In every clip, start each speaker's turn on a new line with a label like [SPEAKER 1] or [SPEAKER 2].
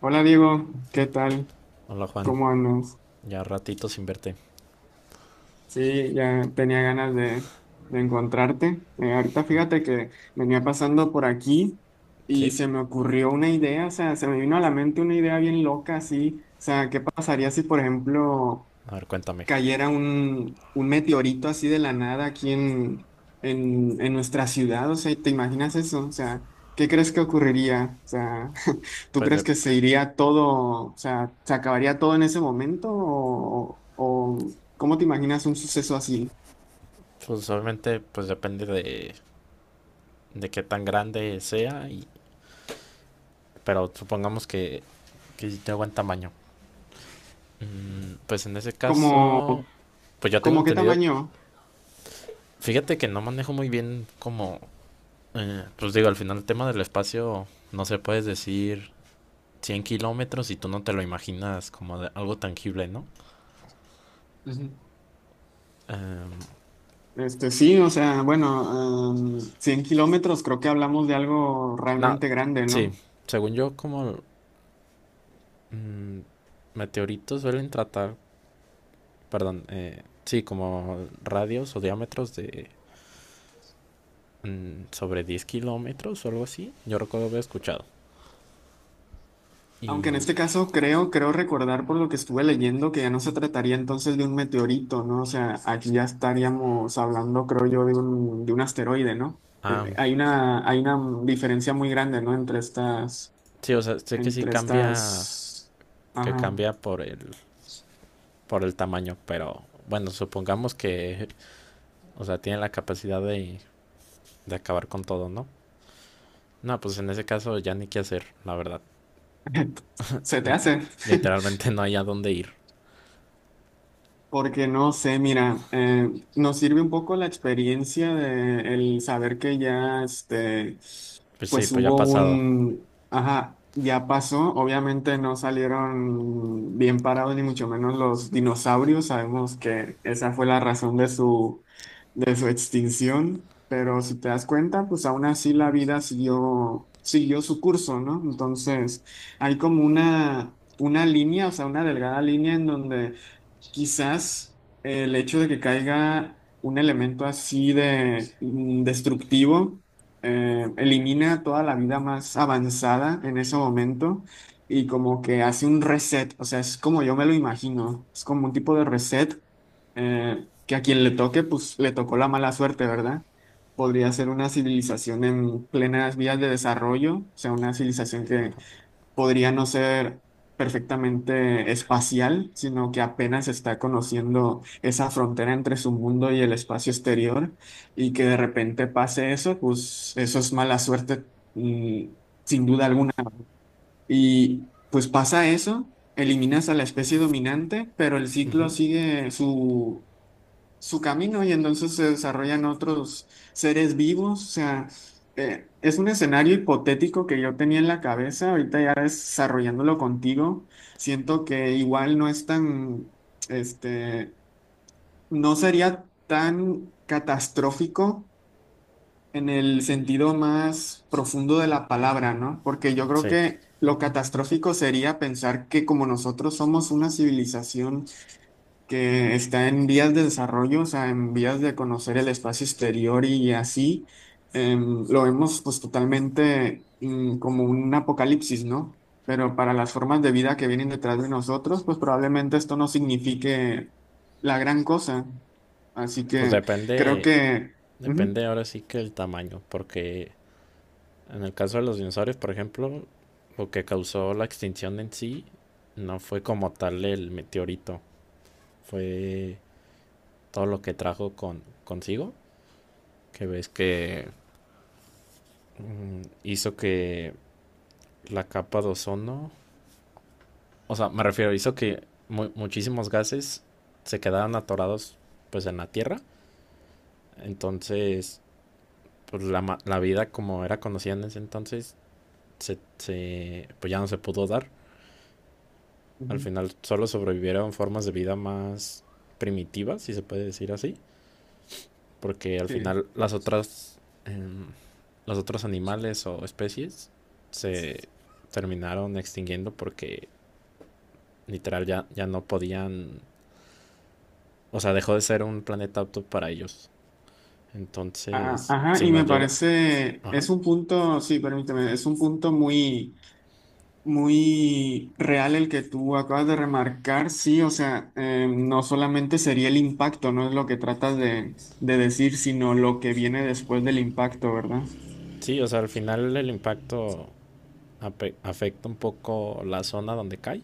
[SPEAKER 1] Hola Diego, ¿qué tal?
[SPEAKER 2] Hola Juan,
[SPEAKER 1] ¿Cómo andas?
[SPEAKER 2] ya ratito sin verte.
[SPEAKER 1] Sí, ya tenía ganas de encontrarte. Ahorita fíjate que venía pasando por aquí y
[SPEAKER 2] ¿Sí?
[SPEAKER 1] se me ocurrió una idea, o sea, se me vino a la mente una idea bien loca, así, o sea, ¿qué pasaría si, por ejemplo,
[SPEAKER 2] A ver, cuéntame.
[SPEAKER 1] cayera un meteorito así de la nada aquí en nuestra ciudad? O sea, ¿te imaginas eso? O sea, ¿qué crees que ocurriría? O sea, ¿tú
[SPEAKER 2] Pues,
[SPEAKER 1] crees
[SPEAKER 2] de-
[SPEAKER 1] que se iría todo, o sea, se acabaría todo en ese momento? ¿O cómo te imaginas un suceso así?
[SPEAKER 2] pues obviamente pues depende de qué tan grande sea, y, pero supongamos que sí tengo buen tamaño. Pues en ese
[SPEAKER 1] ¿Como,
[SPEAKER 2] caso, pues yo tengo
[SPEAKER 1] como qué
[SPEAKER 2] entendido,
[SPEAKER 1] tamaño?
[SPEAKER 2] fíjate que no manejo muy bien como, pues digo, al final el tema del espacio, no se puedes decir 100 kilómetros y tú no te lo imaginas como de algo tangible, ¿no?
[SPEAKER 1] Ujú.
[SPEAKER 2] Em,
[SPEAKER 1] Este, sí, o sea, bueno, 100 kilómetros, creo que hablamos de algo
[SPEAKER 2] no,
[SPEAKER 1] realmente grande,
[SPEAKER 2] sí,
[SPEAKER 1] ¿no?
[SPEAKER 2] según yo como Mm, meteoritos suelen tratar, perdón, sí, como radios o diámetros de sobre 10 kilómetros o algo así. Yo recuerdo haber escuchado. Y,
[SPEAKER 1] Aunque en este caso creo recordar por lo que estuve leyendo que ya no se trataría entonces de un meteorito, ¿no? O sea, aquí ya estaríamos hablando, creo yo, de un asteroide, ¿no? Eh,
[SPEAKER 2] ah,
[SPEAKER 1] Hay una, hay una diferencia muy grande, ¿no? Entre estas,
[SPEAKER 2] sí, o sea, sé que sí
[SPEAKER 1] entre
[SPEAKER 2] cambia,
[SPEAKER 1] estas,
[SPEAKER 2] que
[SPEAKER 1] ajá.
[SPEAKER 2] cambia por el tamaño, pero bueno, supongamos que, o sea, tiene la capacidad de acabar con todo, ¿no? No, pues en ese caso ya ni qué hacer, la verdad.
[SPEAKER 1] ¿Se te
[SPEAKER 2] N-
[SPEAKER 1] hace?
[SPEAKER 2] Literalmente no hay a dónde ir.
[SPEAKER 1] Porque no sé, mira, nos sirve un poco la experiencia de el saber que ya, este,
[SPEAKER 2] Pues sí,
[SPEAKER 1] pues
[SPEAKER 2] pues ya ha
[SPEAKER 1] hubo
[SPEAKER 2] pasado.
[SPEAKER 1] un, ajá, ya pasó. Obviamente no salieron bien parados ni mucho menos los dinosaurios. Sabemos que esa fue la razón de su extinción. Pero si te das cuenta, pues aún así la vida siguió su curso, ¿no? Entonces, hay como una línea, o sea, una delgada línea en donde quizás el hecho de que caiga un elemento así de destructivo elimina toda la vida más avanzada en ese momento y como que hace un reset, o sea, es como yo me lo imagino, es como un tipo de reset que a quien le toque, pues le tocó la mala suerte, ¿verdad? Podría ser una civilización en plenas vías de desarrollo, o sea, una civilización que podría no ser perfectamente espacial, sino que apenas está conociendo esa frontera entre su mundo y el espacio exterior, y que de repente pase eso, pues eso es mala suerte, mm, sin duda alguna. Y pues pasa eso, eliminas a la especie dominante, pero el ciclo sigue su camino y entonces se desarrollan otros seres vivos. O sea, es un escenario hipotético que yo tenía en la cabeza, ahorita ya desarrollándolo contigo, siento que igual no es tan, este, no sería tan catastrófico en el sentido más profundo de la palabra, ¿no? Porque yo creo
[SPEAKER 2] Sí,
[SPEAKER 1] que lo catastrófico sería pensar que como nosotros somos una civilización que está en vías de desarrollo, o sea, en vías de conocer el espacio exterior y así, lo vemos pues totalmente como un apocalipsis, ¿no? Pero para las formas de vida que vienen detrás de nosotros, pues probablemente esto no signifique la gran cosa. Así
[SPEAKER 2] pues
[SPEAKER 1] que creo
[SPEAKER 2] depende.
[SPEAKER 1] que. Ujú,
[SPEAKER 2] Depende ahora sí que el tamaño, porque en el caso de los dinosaurios, por ejemplo, lo que causó la extinción en sí no fue como tal el meteorito, fue todo lo que trajo consigo, que ves que hizo que la capa de ozono, o sea, me refiero, hizo que muchísimos gases se quedaran atorados pues en la Tierra. Entonces, pues la vida como era conocida en ese entonces, pues ya no se pudo dar. Al
[SPEAKER 1] ujú,
[SPEAKER 2] final solo sobrevivieron formas de vida más primitivas, si se puede decir así, porque al
[SPEAKER 1] sí.
[SPEAKER 2] final las otras, los otros animales o especies se terminaron extinguiendo porque literal ya no podían, o sea, dejó de ser un planeta apto para ellos.
[SPEAKER 1] A-
[SPEAKER 2] Entonces,
[SPEAKER 1] Ajá,
[SPEAKER 2] si
[SPEAKER 1] y
[SPEAKER 2] nos
[SPEAKER 1] me
[SPEAKER 2] llega,
[SPEAKER 1] parece,
[SPEAKER 2] ajá.
[SPEAKER 1] es un punto, sí, permíteme, es un punto muy real el que tú acabas de remarcar, sí, o sea, no solamente sería el impacto, no es lo que tratas de decir, sino lo que viene después del impacto, ¿verdad?
[SPEAKER 2] Sí, o sea, al final el impacto afecta un poco la zona donde cae.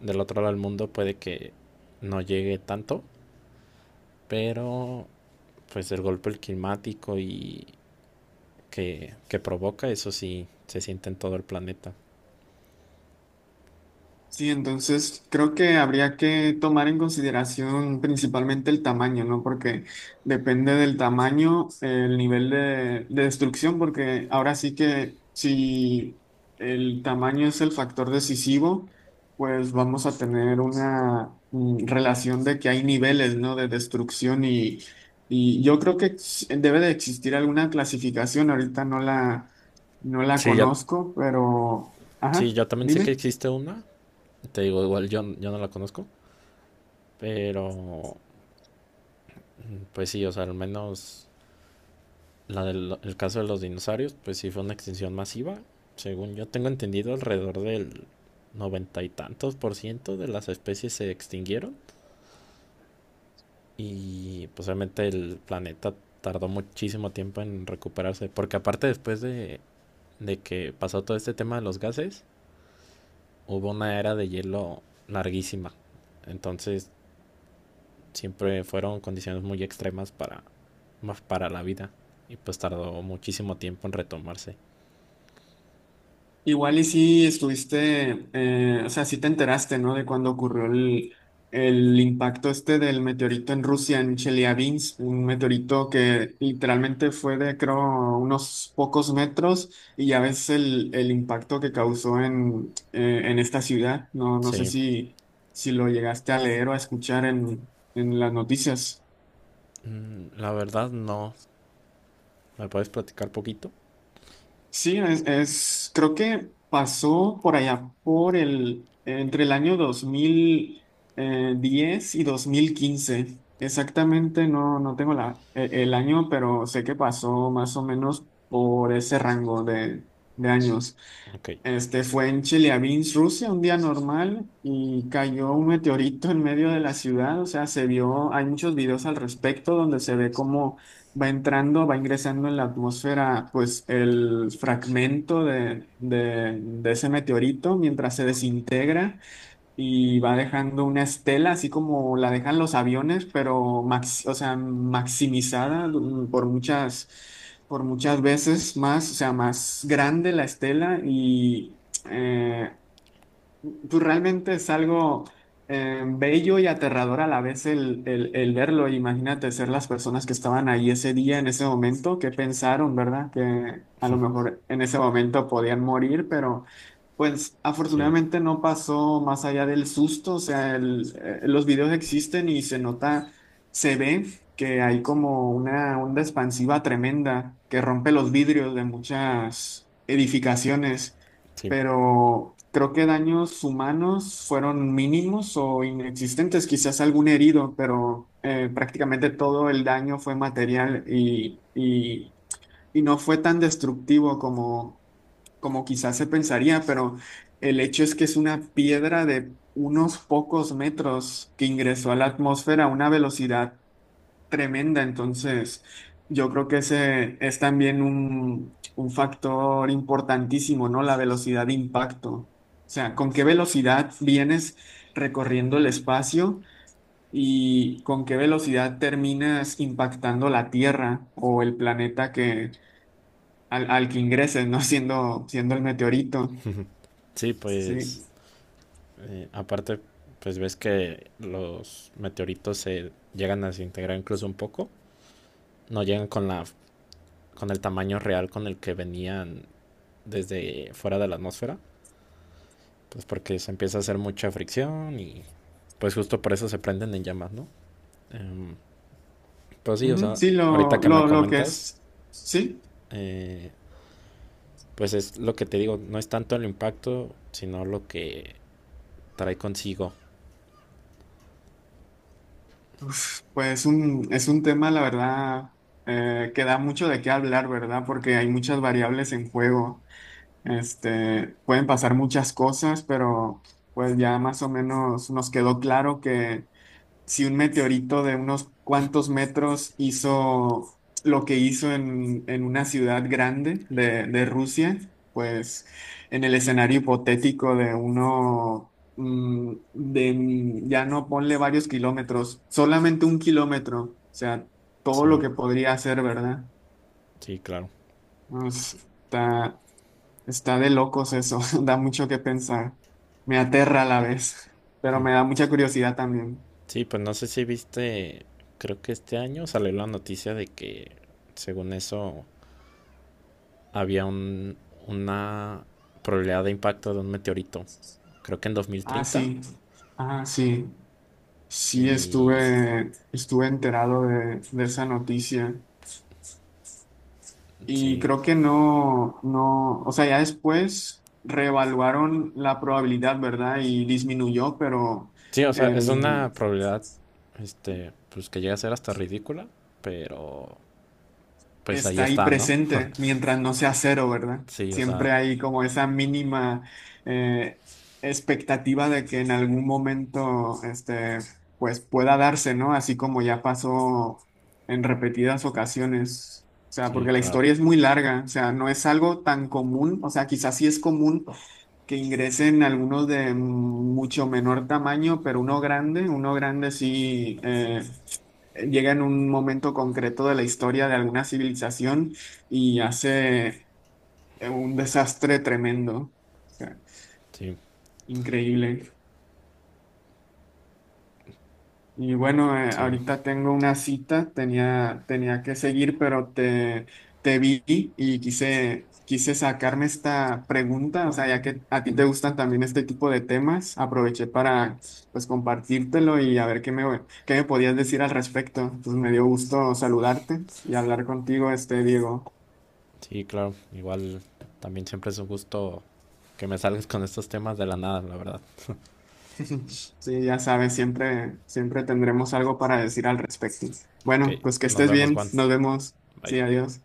[SPEAKER 2] Del otro lado del mundo puede que no llegue tanto, pero pues el golpe climático y que provoca, eso sí se siente en todo el planeta.
[SPEAKER 1] Sí, entonces creo que habría que tomar en consideración principalmente el tamaño, ¿no? Porque depende del tamaño, el nivel de destrucción, porque ahora sí que si el tamaño es el factor decisivo, pues vamos a tener una relación de que hay niveles, ¿no? De destrucción y yo creo que debe de existir alguna clasificación, ahorita no la, no la
[SPEAKER 2] Sí, ya.
[SPEAKER 1] conozco, pero,
[SPEAKER 2] Sí,
[SPEAKER 1] ajá,
[SPEAKER 2] yo también sé que
[SPEAKER 1] dime.
[SPEAKER 2] existe una, te digo, igual yo no la conozco, pero pues sí, o sea, al menos la del el caso de los dinosaurios, pues sí fue una extinción masiva. Según yo tengo entendido, alrededor del 90 y tantos por ciento de las especies se extinguieron. Y pues obviamente el planeta tardó muchísimo tiempo en recuperarse, porque aparte después de que pasó todo este tema de los gases, hubo una era de hielo larguísima. Entonces siempre fueron condiciones muy extremas para, más para la vida. Y pues tardó muchísimo tiempo en retomarse.
[SPEAKER 1] Igual y sí estuviste, o sea, sí te enteraste, ¿no? De cuando ocurrió el impacto este del meteorito en Rusia, en Chelyabinsk, un meteorito que literalmente fue de, creo, unos pocos metros y ya ves el impacto que causó en, en esta ciudad. No, no sé
[SPEAKER 2] Sí.
[SPEAKER 1] si, si lo llegaste a leer o a escuchar en las noticias.
[SPEAKER 2] Mm, la verdad no. ¿Me puedes platicar poquito?
[SPEAKER 1] Sí, creo que pasó por allá, por el, entre el año dos mil diez y dos mil quince. Exactamente, no, no tengo la, el año, pero sé que pasó más o menos por ese rango de años.
[SPEAKER 2] Ok,
[SPEAKER 1] Este fue en Chelyabinsk, Rusia, un día normal y cayó un meteorito en medio de la ciudad, o sea, se vio, hay muchos videos al respecto donde se ve cómo va entrando, va ingresando en la atmósfera, pues el fragmento de ese meteorito mientras se desintegra y va dejando una estela, así como la dejan los aviones, pero o sea, maximizada, por muchas veces más, o sea, más grande la estela y eh, pues realmente es algo bello y aterrador a la vez el verlo. Imagínate ser las personas que estaban ahí ese día, en ese momento, que pensaron, ¿verdad? Que a lo mejor en ese momento podían morir, pero pues
[SPEAKER 2] sí,
[SPEAKER 1] afortunadamente no pasó más allá del susto. O sea, los videos existen y se nota, se ve que hay como una onda expansiva tremenda que rompe los vidrios de muchas edificaciones,
[SPEAKER 2] sí.
[SPEAKER 1] pero creo que daños humanos fueron mínimos o inexistentes, quizás algún herido, pero prácticamente todo el daño fue material y no fue tan destructivo como quizás se pensaría, pero el hecho es que es una piedra de unos pocos metros que ingresó a la atmósfera a una velocidad tremenda. Entonces, yo creo que ese es también un factor importantísimo, ¿no? La velocidad de impacto. O sea, con qué velocidad vienes recorriendo el espacio y con qué velocidad terminas impactando la Tierra o el planeta que, al que ingreses, ¿no? Siendo el meteorito.
[SPEAKER 2] Sí, pues
[SPEAKER 1] Sí.
[SPEAKER 2] eh, aparte, pues ves que los meteoritos se llegan a desintegrar incluso un poco. No llegan con la con el tamaño real con el que venían desde fuera de la atmósfera. Pues porque se empieza a hacer mucha fricción y pues justo por eso se prenden en llamas, ¿no? Eh, pues sí, o
[SPEAKER 1] Ujú,
[SPEAKER 2] sea,
[SPEAKER 1] sí,
[SPEAKER 2] ahorita
[SPEAKER 1] lo,
[SPEAKER 2] que me
[SPEAKER 1] lo, lo que
[SPEAKER 2] comentas,
[SPEAKER 1] es. Sí.
[SPEAKER 2] eh, pues es lo que te digo, no es tanto el impacto, sino lo que trae consigo.
[SPEAKER 1] Pues es un tema, la verdad, que da mucho de qué hablar, ¿verdad? Porque hay muchas variables en juego. Pueden pasar muchas cosas, pero pues ya más o menos nos quedó claro que si un meteorito de unos cuantos metros hizo lo que hizo en una ciudad grande de Rusia, pues en el escenario hipotético de uno, de, ya no ponle varios kilómetros, solamente un kilómetro, o sea, todo lo
[SPEAKER 2] Sí,
[SPEAKER 1] que podría hacer, ¿verdad?
[SPEAKER 2] sí, claro.
[SPEAKER 1] Pues, está, está de locos eso, da mucho que pensar, me aterra a la vez, pero me da mucha curiosidad también.
[SPEAKER 2] Sí, pues no sé si viste, creo que este año salió la noticia de que, según eso, había un, una probabilidad de impacto de un meteorito. Creo que en dos mil
[SPEAKER 1] Ah,
[SPEAKER 2] treinta
[SPEAKER 1] sí. Ah, sí. Sí,
[SPEAKER 2] Y
[SPEAKER 1] estuve enterado de esa noticia y
[SPEAKER 2] sí.
[SPEAKER 1] creo que no, no, o sea, ya después reevaluaron la probabilidad, ¿verdad? Y disminuyó, pero
[SPEAKER 2] Sí, o sea, es una probabilidad, este, pues que llega a ser hasta ridícula, pero pues ahí
[SPEAKER 1] está ahí
[SPEAKER 2] está, ¿no?
[SPEAKER 1] presente mientras no sea cero, ¿verdad?
[SPEAKER 2] Sí, o sea,
[SPEAKER 1] Siempre hay como esa mínima eh, expectativa de que en algún momento, pues pueda darse, ¿no? Así como ya pasó en repetidas ocasiones. O sea,
[SPEAKER 2] sí,
[SPEAKER 1] porque la
[SPEAKER 2] claro.
[SPEAKER 1] historia es muy larga, o sea, no es algo tan común, o sea, quizás sí es común que ingresen algunos de mucho menor tamaño, pero uno grande sí, llega en un momento concreto de la historia de alguna civilización y hace un desastre tremendo. O sea,
[SPEAKER 2] Sí,
[SPEAKER 1] increíble. Y bueno,
[SPEAKER 2] sí,
[SPEAKER 1] ahorita tengo una cita, tenía que seguir, pero te vi y quise sacarme esta pregunta, o sea, ya que a ti te gustan también este tipo de temas, aproveché para pues compartírtelo y a ver qué me podías decir al respecto. Pues me dio gusto saludarte y hablar contigo, este Diego.
[SPEAKER 2] sí, claro. Igual también siempre es un gusto que me salgas con estos temas de la nada, la verdad.
[SPEAKER 1] Sí, ya sabes, siempre, siempre tendremos algo para decir al respecto.
[SPEAKER 2] Ok,
[SPEAKER 1] Bueno, pues que
[SPEAKER 2] nos
[SPEAKER 1] estés
[SPEAKER 2] vemos,
[SPEAKER 1] bien,
[SPEAKER 2] Juan.
[SPEAKER 1] nos vemos.
[SPEAKER 2] Bye.
[SPEAKER 1] Sí, adiós.